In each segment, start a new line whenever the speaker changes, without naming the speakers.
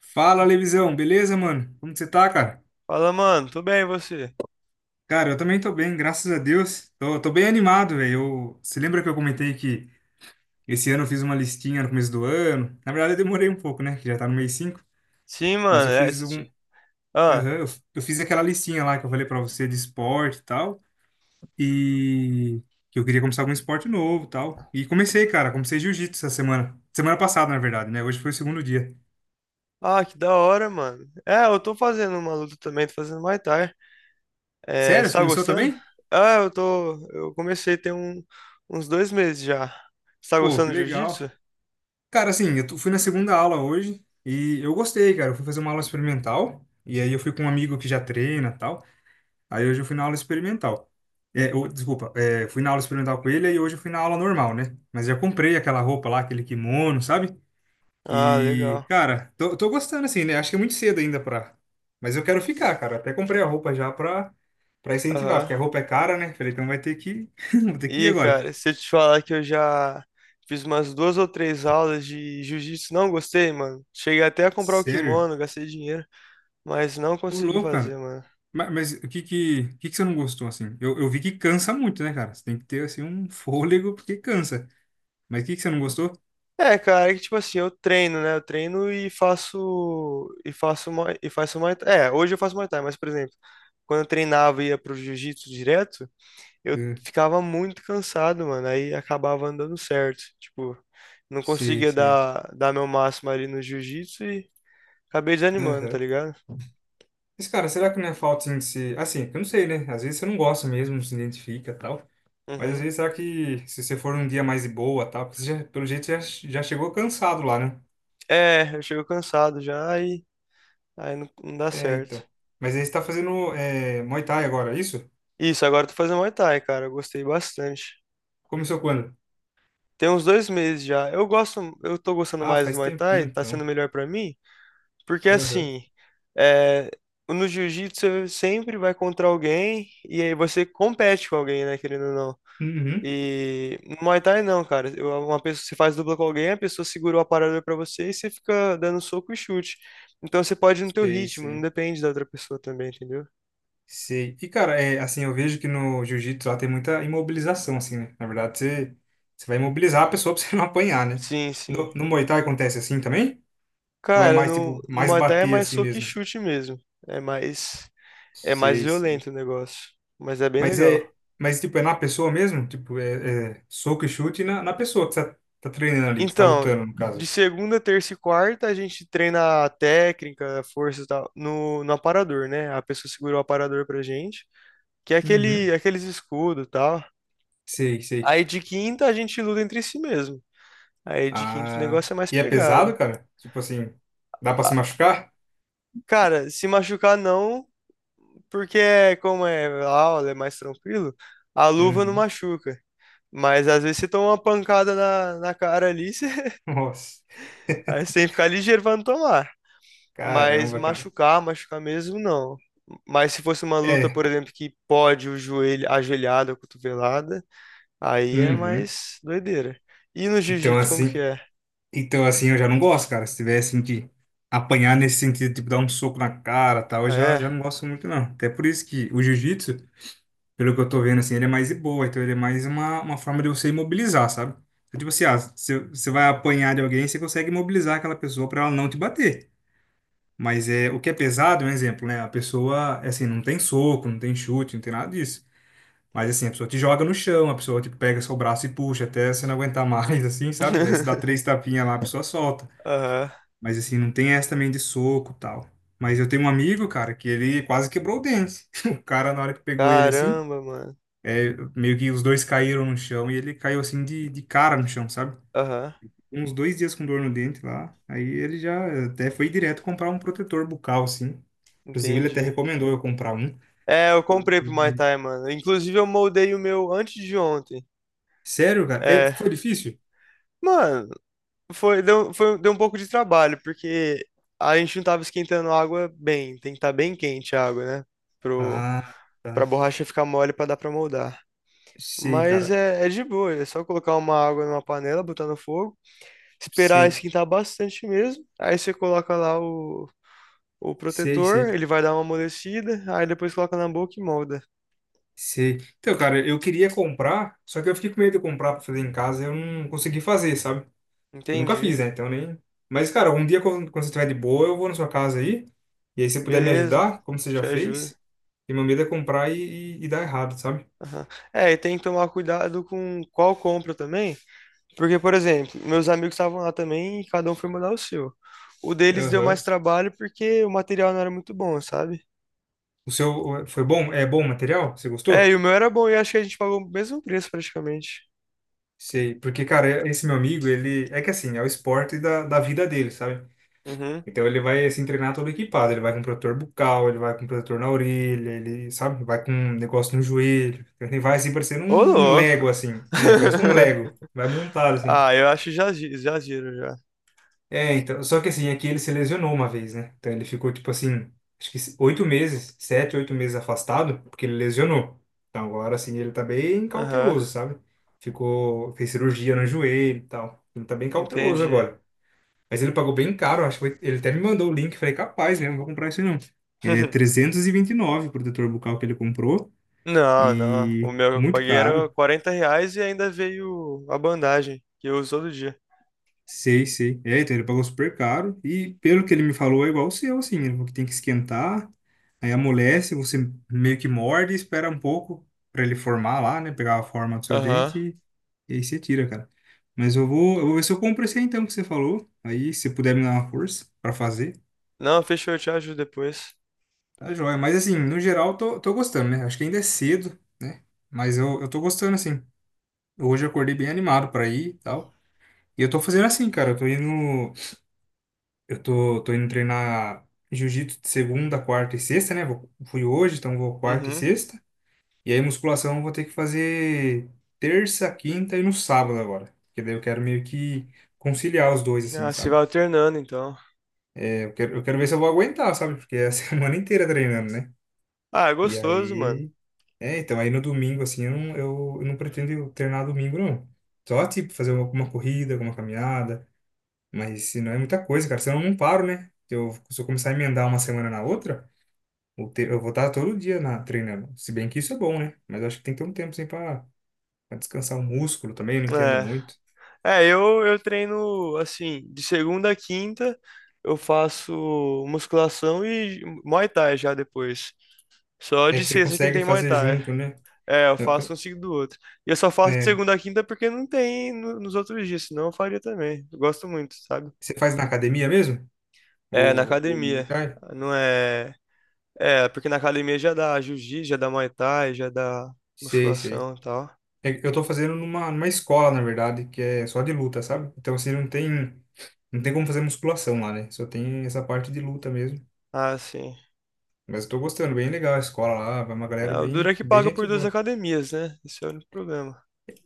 Fala, Levisão, beleza, mano? Como que você tá, cara?
Fala, mano, tudo bem e você?
Cara, eu também tô bem, graças a Deus. Tô bem animado, velho. Você lembra que eu comentei que esse ano eu fiz uma listinha no começo do ano? Na verdade, eu demorei um pouco, né? Que já tá no mês 5,
Sim,
mas
mano,
eu
é
fiz um.
assisti. Ah,
Aham, eu fiz aquela listinha lá que eu falei pra você de esporte e tal. E que eu queria começar algum esporte novo e tal. E comecei, cara, comecei jiu-jitsu essa semana. Semana passada, na verdade, né? Hoje foi o segundo dia.
ah, que da hora, mano. É, eu tô fazendo uma luta também, tô fazendo Muay Thai. É,
Sério?
você
Você
tá
começou
gostando?
também?
Ah, eu tô. Eu comecei tem um, uns dois meses já. Você tá
Pô,
gostando
que
de jiu-jitsu?
legal. Cara, assim, fui na segunda aula hoje e eu gostei, cara. Eu fui fazer uma aula experimental e aí eu fui com um amigo que já treina e tal. Aí hoje eu fui na aula experimental. Ô, desculpa, fui na aula experimental com ele e hoje eu fui na aula normal, né? Mas já comprei aquela roupa lá, aquele kimono, sabe?
Ah,
E,
legal.
cara, tô gostando assim, né? Acho que é muito cedo ainda pra. Mas eu quero ficar, cara. Até comprei a roupa já pra incentivar,
Aham.
porque a roupa é cara, né? Falei, então vai ter que. Vou ter que ir
E,
agora.
cara, se eu te falar que eu já fiz umas duas ou três aulas de jiu-jitsu, não gostei, mano. Cheguei até a comprar o
Sério?
kimono, gastei dinheiro, mas não
Ô,
consegui
louco,
fazer,
cara.
mano.
Mas, o que que você não gostou, assim? Eu vi que cansa muito, né, cara? Você tem que ter, assim, um fôlego porque cansa. Mas o que que você não gostou?
É, cara, é que tipo assim, eu treino, né? Eu treino e faço Muay Thai. É, hoje eu faço Muay Thai, mas por exemplo, quando eu treinava e ia pro jiu-jitsu direto, eu
Eh,
ficava muito cansado, mano. Aí acabava não dando certo, tipo, não
Sei,
conseguia
sei.
dar meu máximo ali no jiu-jitsu e acabei desanimando, tá
Aham.
ligado?
Mas, cara, será que não é falta, assim, de ser... Assim, eu não sei, né? Às vezes você não gosta mesmo, não se identifica e tal. Mas, às
Uhum.
vezes, será que se você for um dia mais de boa tal... Porque você já, pelo jeito, já chegou cansado lá, né?
É, eu chego cansado já e aí não dá
É,
certo.
então. Mas aí você tá fazendo Muay Thai agora, é isso?
Isso, agora eu tô fazendo Muay Thai, cara. Eu gostei bastante.
Começou quando?
Tem uns dois meses já. Eu gosto, eu tô gostando
Ah,
mais do
faz
Muay Thai,
tempinho,
tá
então.
sendo melhor pra mim, porque
Aham.
assim, é, no jiu-jitsu você sempre vai contra alguém e aí você compete com alguém, né, querendo ou não.
Uhum.
E no Muay Thai não, cara. Eu- Uma pessoa, você faz dupla com alguém, a pessoa segurou a parada pra você e você fica dando soco e chute. Então você pode ir no teu
Sei,
ritmo, não
sei.
depende da outra pessoa também, entendeu?
Sei. E, cara, é, assim, eu vejo que no jiu-jitsu lá tem muita imobilização, assim, né? Na verdade, você vai imobilizar a pessoa pra você não apanhar, né?
Sim, sim.
No Muay Thai acontece assim também? Ou é
Cara,
mais,
no,
tipo,
no
mais
Muay Thai é
bater
mais
assim
soco e
mesmo?
chute mesmo. É mais É mais
Sei, sei.
violento o negócio, mas é bem
Mas
legal.
é, mas, tipo, é na pessoa mesmo? Tipo, é soco e chute na pessoa que você tá treinando ali, que você tá
Então,
lutando, no
de
caso.
segunda, terça e quarta, a gente treina a técnica, a força e tal, no aparador, né? A pessoa segura o aparador pra gente, que é
Uhum.
aquele, aqueles escudos e tal.
Sei, sei.
Aí de quinta, a gente luta entre si mesmo. Aí de quinta o
Ah,
negócio é mais
e é
pegado.
pesado, cara? Tipo assim, dá pra se
Ah,
machucar?
cara, se machucar não, porque é- como é aula, é mais tranquilo, a luva não
Uhum.
machuca. Mas às vezes você toma uma pancada na, na cara ali, você,
Nossa,
aí você tem que ficar ligeiro pra não tomar. Mas
caramba, cara.
machucar, machucar mesmo, não. Mas se fosse uma luta,
É.
por exemplo, que pode o joelho, ajoelhada, cotovelada, aí é
Uhum.
mais doideira. E no
Então
jiu-jitsu, como que
assim,
é?
então assim eu já não gosto, cara. Se tivesse que apanhar nesse sentido, tipo dar um soco na cara, tal, eu
Ah,
já
é?
não gosto muito não. Até por isso que o jiu-jitsu, pelo que eu tô vendo assim, ele é mais de boa, então ele é mais uma forma de você imobilizar, sabe? Então, tipo assim, ah, se você vai apanhar de alguém, você consegue imobilizar aquela pessoa pra ela não te bater. Mas é o que é pesado, um exemplo, né? A pessoa, é assim, não tem soco, não tem chute, não tem nada disso. Mas assim, a pessoa te joga no chão, a pessoa tipo, pega seu braço e puxa até você não aguentar mais, assim, sabe? Aí você dá três tapinhas lá, a pessoa solta.
Aham.
Mas assim, não tem essa também de soco e tal. Mas eu tenho um amigo, cara, que ele quase quebrou o dente. O cara, na hora que pegou ele assim,
Caramba, mano.
meio que os dois caíram no chão e ele caiu assim de cara no chão, sabe?
Aham,
Uns 2 dias com dor no dente lá. Aí ele já até foi direto comprar um protetor bucal, assim. Inclusive, ele até
entendi.
recomendou eu comprar um.
É, eu comprei pro Muay
Porque...
Thai, mano. Inclusive, eu moldei o meu antes de ontem.
Sério, cara? É,
É.
foi difícil?
Mano, foi, deu um pouco de trabalho, porque a gente não tava esquentando a água bem. Tem que estar bem quente a água, né? Pro,
Ah.
Pra
Tá.
borracha ficar mole pra dar pra moldar.
Sei,
Mas
cara.
é, é de boa, é só colocar uma água numa panela, botar no fogo, esperar
Sei,
esquentar bastante mesmo. Aí você coloca lá o
sei,
protetor,
sei,
ele vai dar uma amolecida, aí depois coloca na boca e molda.
sei. Então, cara, eu queria comprar, só que eu fiquei com medo de comprar pra fazer em casa, e eu não consegui fazer, sabe? Eu nunca
Entendi.
fiz, né? Então nem. Mas, cara, um dia quando você estiver de boa, eu vou na sua casa aí, e aí você puder me
Beleza,
ajudar, como você já
te
fez.
ajuda.
E meu medo é comprar e dar errado, sabe?
É, e tem que tomar cuidado com qual compra também, porque, por exemplo, meus amigos estavam lá também e cada um foi mandar o seu. O deles deu
Aham.
mais trabalho porque o material não era muito bom, sabe?
O seu foi bom? É bom o material? Você
É, e
gostou?
o meu era bom, e acho que a gente pagou o mesmo preço praticamente.
Sei. Porque, cara, esse meu amigo, ele. É que assim, é o esporte da vida dele, sabe?
Uhum.
Então ele vai assim treinar todo equipado, ele vai com protetor bucal, ele vai com protetor na orelha, ele, sabe, vai com um negócio no joelho, ele vai assim parecendo
Ô,
um Lego
louco!
assim, é, parece um Lego, vai montado assim.
Ah, eu acho gi- já giro já.
É, então, só que assim, aqui ele se lesionou uma vez, né? Então ele ficou tipo assim, acho que 8 meses, 7, 8 meses afastado, porque ele lesionou. Então agora assim ele tá bem
Aham,
cauteloso, sabe? Ficou, fez cirurgia no joelho e tal. Ele tá bem cauteloso
entendi.
agora. Mas ele pagou bem caro, acho que ele até me mandou o link. Falei, capaz, né? Não vou comprar isso não. É trezentos e vinte e nove o protetor bucal que ele comprou
Não, não.
e
O meu que eu
muito
paguei era
caro.
R$ 40 e ainda veio a bandagem, que eu uso todo dia.
Sei, sei. É, então ele pagou super caro e pelo que ele me falou é igual o seu, assim. Ele falou que tem que esquentar, aí amolece, você meio que morde, espera um pouco para ele formar lá, né? Pegar a forma do seu
Aham.
dente e aí você tira, cara. Mas eu vou ver se eu compro esse aí então que você falou. Aí, se puder me dar uma força para fazer.
Não, fechou, eu te ajudo depois.
Tá joia. Mas assim, no geral, tô gostando, né? Acho que ainda é cedo, né? Mas eu tô gostando, assim. Hoje eu acordei bem animado pra ir e tal. E eu tô fazendo assim, cara. Eu tô indo. Eu tô indo treinar jiu-jitsu de segunda, quarta e sexta, né? Fui hoje, então vou quarta e
Uhum.
sexta. E aí, musculação eu vou ter que fazer terça, quinta e no sábado agora. Porque daí eu quero meio que conciliar os dois, assim,
Ah, se
sabe?
vai alternando então.
É, eu quero ver se eu vou aguentar, sabe? Porque é a semana inteira treinando, né?
Ah, é
E
gostoso, mano.
aí. É, então, aí no domingo, assim, eu não pretendo treinar domingo, não. Só, tipo, fazer uma corrida, alguma caminhada. Mas se não é muita coisa, cara. Senão eu não paro, né? Se eu começar a emendar uma semana na outra, eu vou estar todo dia treinando. Se bem que isso é bom, né? Mas eu acho que tem que ter um tempo, assim, pra descansar o músculo também. Eu não entendo
É.
muito.
É, eu treino assim, de segunda a quinta eu faço musculação e Muay Thai já depois. Só
É
de
que você
sexta que não
consegue
tem Muay
fazer
Thai.
junto, né?
É, eu
Eu-
faço um
eu-
seguido do outro. E eu só faço de
é,
segunda a quinta porque não tem no- nos outros dias, senão eu faria também. Eu gosto muito, sabe?
você faz na academia mesmo?
É, na
O Muay
academia.
Thai?
Não é. É, porque na academia já dá jiu-jitsu, já dá Muay Thai, já dá
Sei, sei.
musculação e tal.
Eu tô fazendo numa escola, na verdade, que é só de luta, sabe? Então, assim, não tem como fazer musculação lá, né? Só tem essa parte de luta mesmo.
Ah, sim.
Mas eu tô gostando, bem legal a escola lá, vai uma galera
É, o duro é
bem,
que
bem
paga
gente
por duas
boa.
academias, né? Esse é o único problema.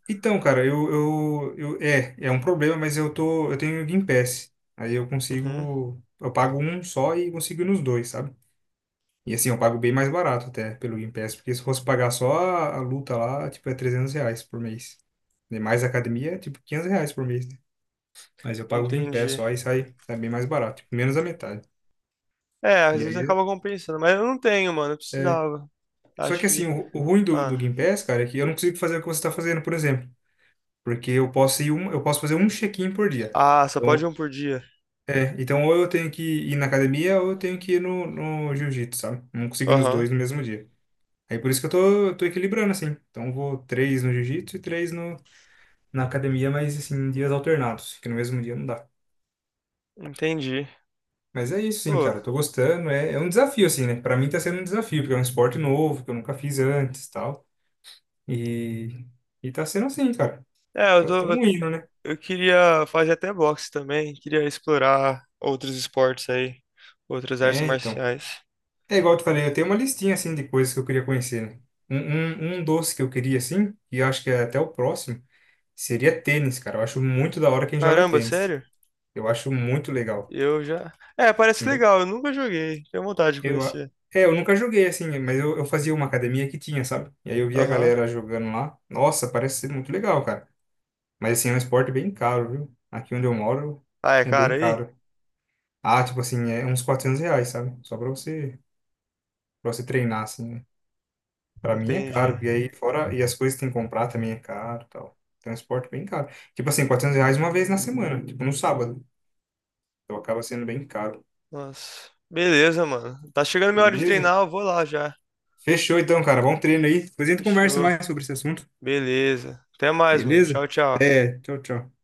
Então, cara, é um problema, mas eu tenho Game Pass. Aí eu
Uhum,
consigo, eu pago um só e consigo ir nos dois, sabe? E assim, eu pago bem mais barato até pelo Game Pass, porque se fosse pagar só a luta lá, tipo, é R$ 300 por mês. E mais a academia, é, tipo, R$ 500 por mês, né? Mas eu pago em pé
entendi.
só, aí sai bem mais barato, tipo, menos da metade.
É, às
E
vezes
aí,
acaba compensando, mas eu não tenho, mano. Eu
é. é,
precisava.
só
Acho
que assim,
que.
o ruim do
Ah,
Game Pass, cara, é que eu não consigo fazer o que você está fazendo, por exemplo. Porque eu posso fazer um check-in por dia.
ah, só pode
Então,
um por dia.
ou eu tenho que ir na academia ou eu tenho que ir no jiu-jitsu, sabe? Não consigo ir nos
Aham,
dois no mesmo dia. Aí por isso que eu tô equilibrando, assim. Então eu vou três no jiu-jitsu e três no, na academia, mas assim, em dias alternados, que no mesmo dia não dá.
entendi.
Mas é isso, sim,
Pô,
cara. Tô gostando. É um desafio, assim, né? Pra mim tá sendo um desafio, porque é um esporte novo, que eu nunca fiz antes e tal. E, e tá sendo assim, cara.
é, eu
Então,
tô.
Tamo indo, né?
Eu queria fazer até boxe também. Queria explorar outros esportes aí, outras artes
É, então.
marciais.
É igual eu te falei, eu tenho uma listinha, assim, de coisas que eu queria conhecer, né? Um doce que eu queria, assim, e eu acho que é até o próximo, seria tênis, cara. Eu acho muito da hora quem joga
Caramba,
tênis.
sério?
Eu acho muito legal.
Eu já. É, parece legal. Eu nunca joguei. Tenho vontade de
Eu, a-
conhecer.
eu nunca joguei, assim, mas eu fazia uma academia que tinha, sabe? E aí eu via a
Aham.
galera jogando lá. Nossa, parece ser muito legal, cara. Mas assim, é um esporte bem caro, viu? Aqui onde eu moro
Ah, é
é bem
cara aí?
caro. Ah, tipo assim, é uns R$ 400, sabe? Só pra você treinar, assim, né? Pra mim é
Entendi.
caro, e aí fora, e as coisas que tem que comprar também é caro e tal. Então é um esporte bem caro. Tipo assim, R$ 400 uma vez na semana, tipo no sábado. Então acaba sendo bem caro.
Nossa. Beleza, mano. Tá chegando minha hora de
Beleza?
treinar, eu vou lá já.
Fechou então, cara. Bom treino aí. Depois a gente conversa
Fechou.
mais sobre esse assunto.
Beleza. Até mais, mano.
Beleza?
Tchau, tchau.
É, tchau, tchau.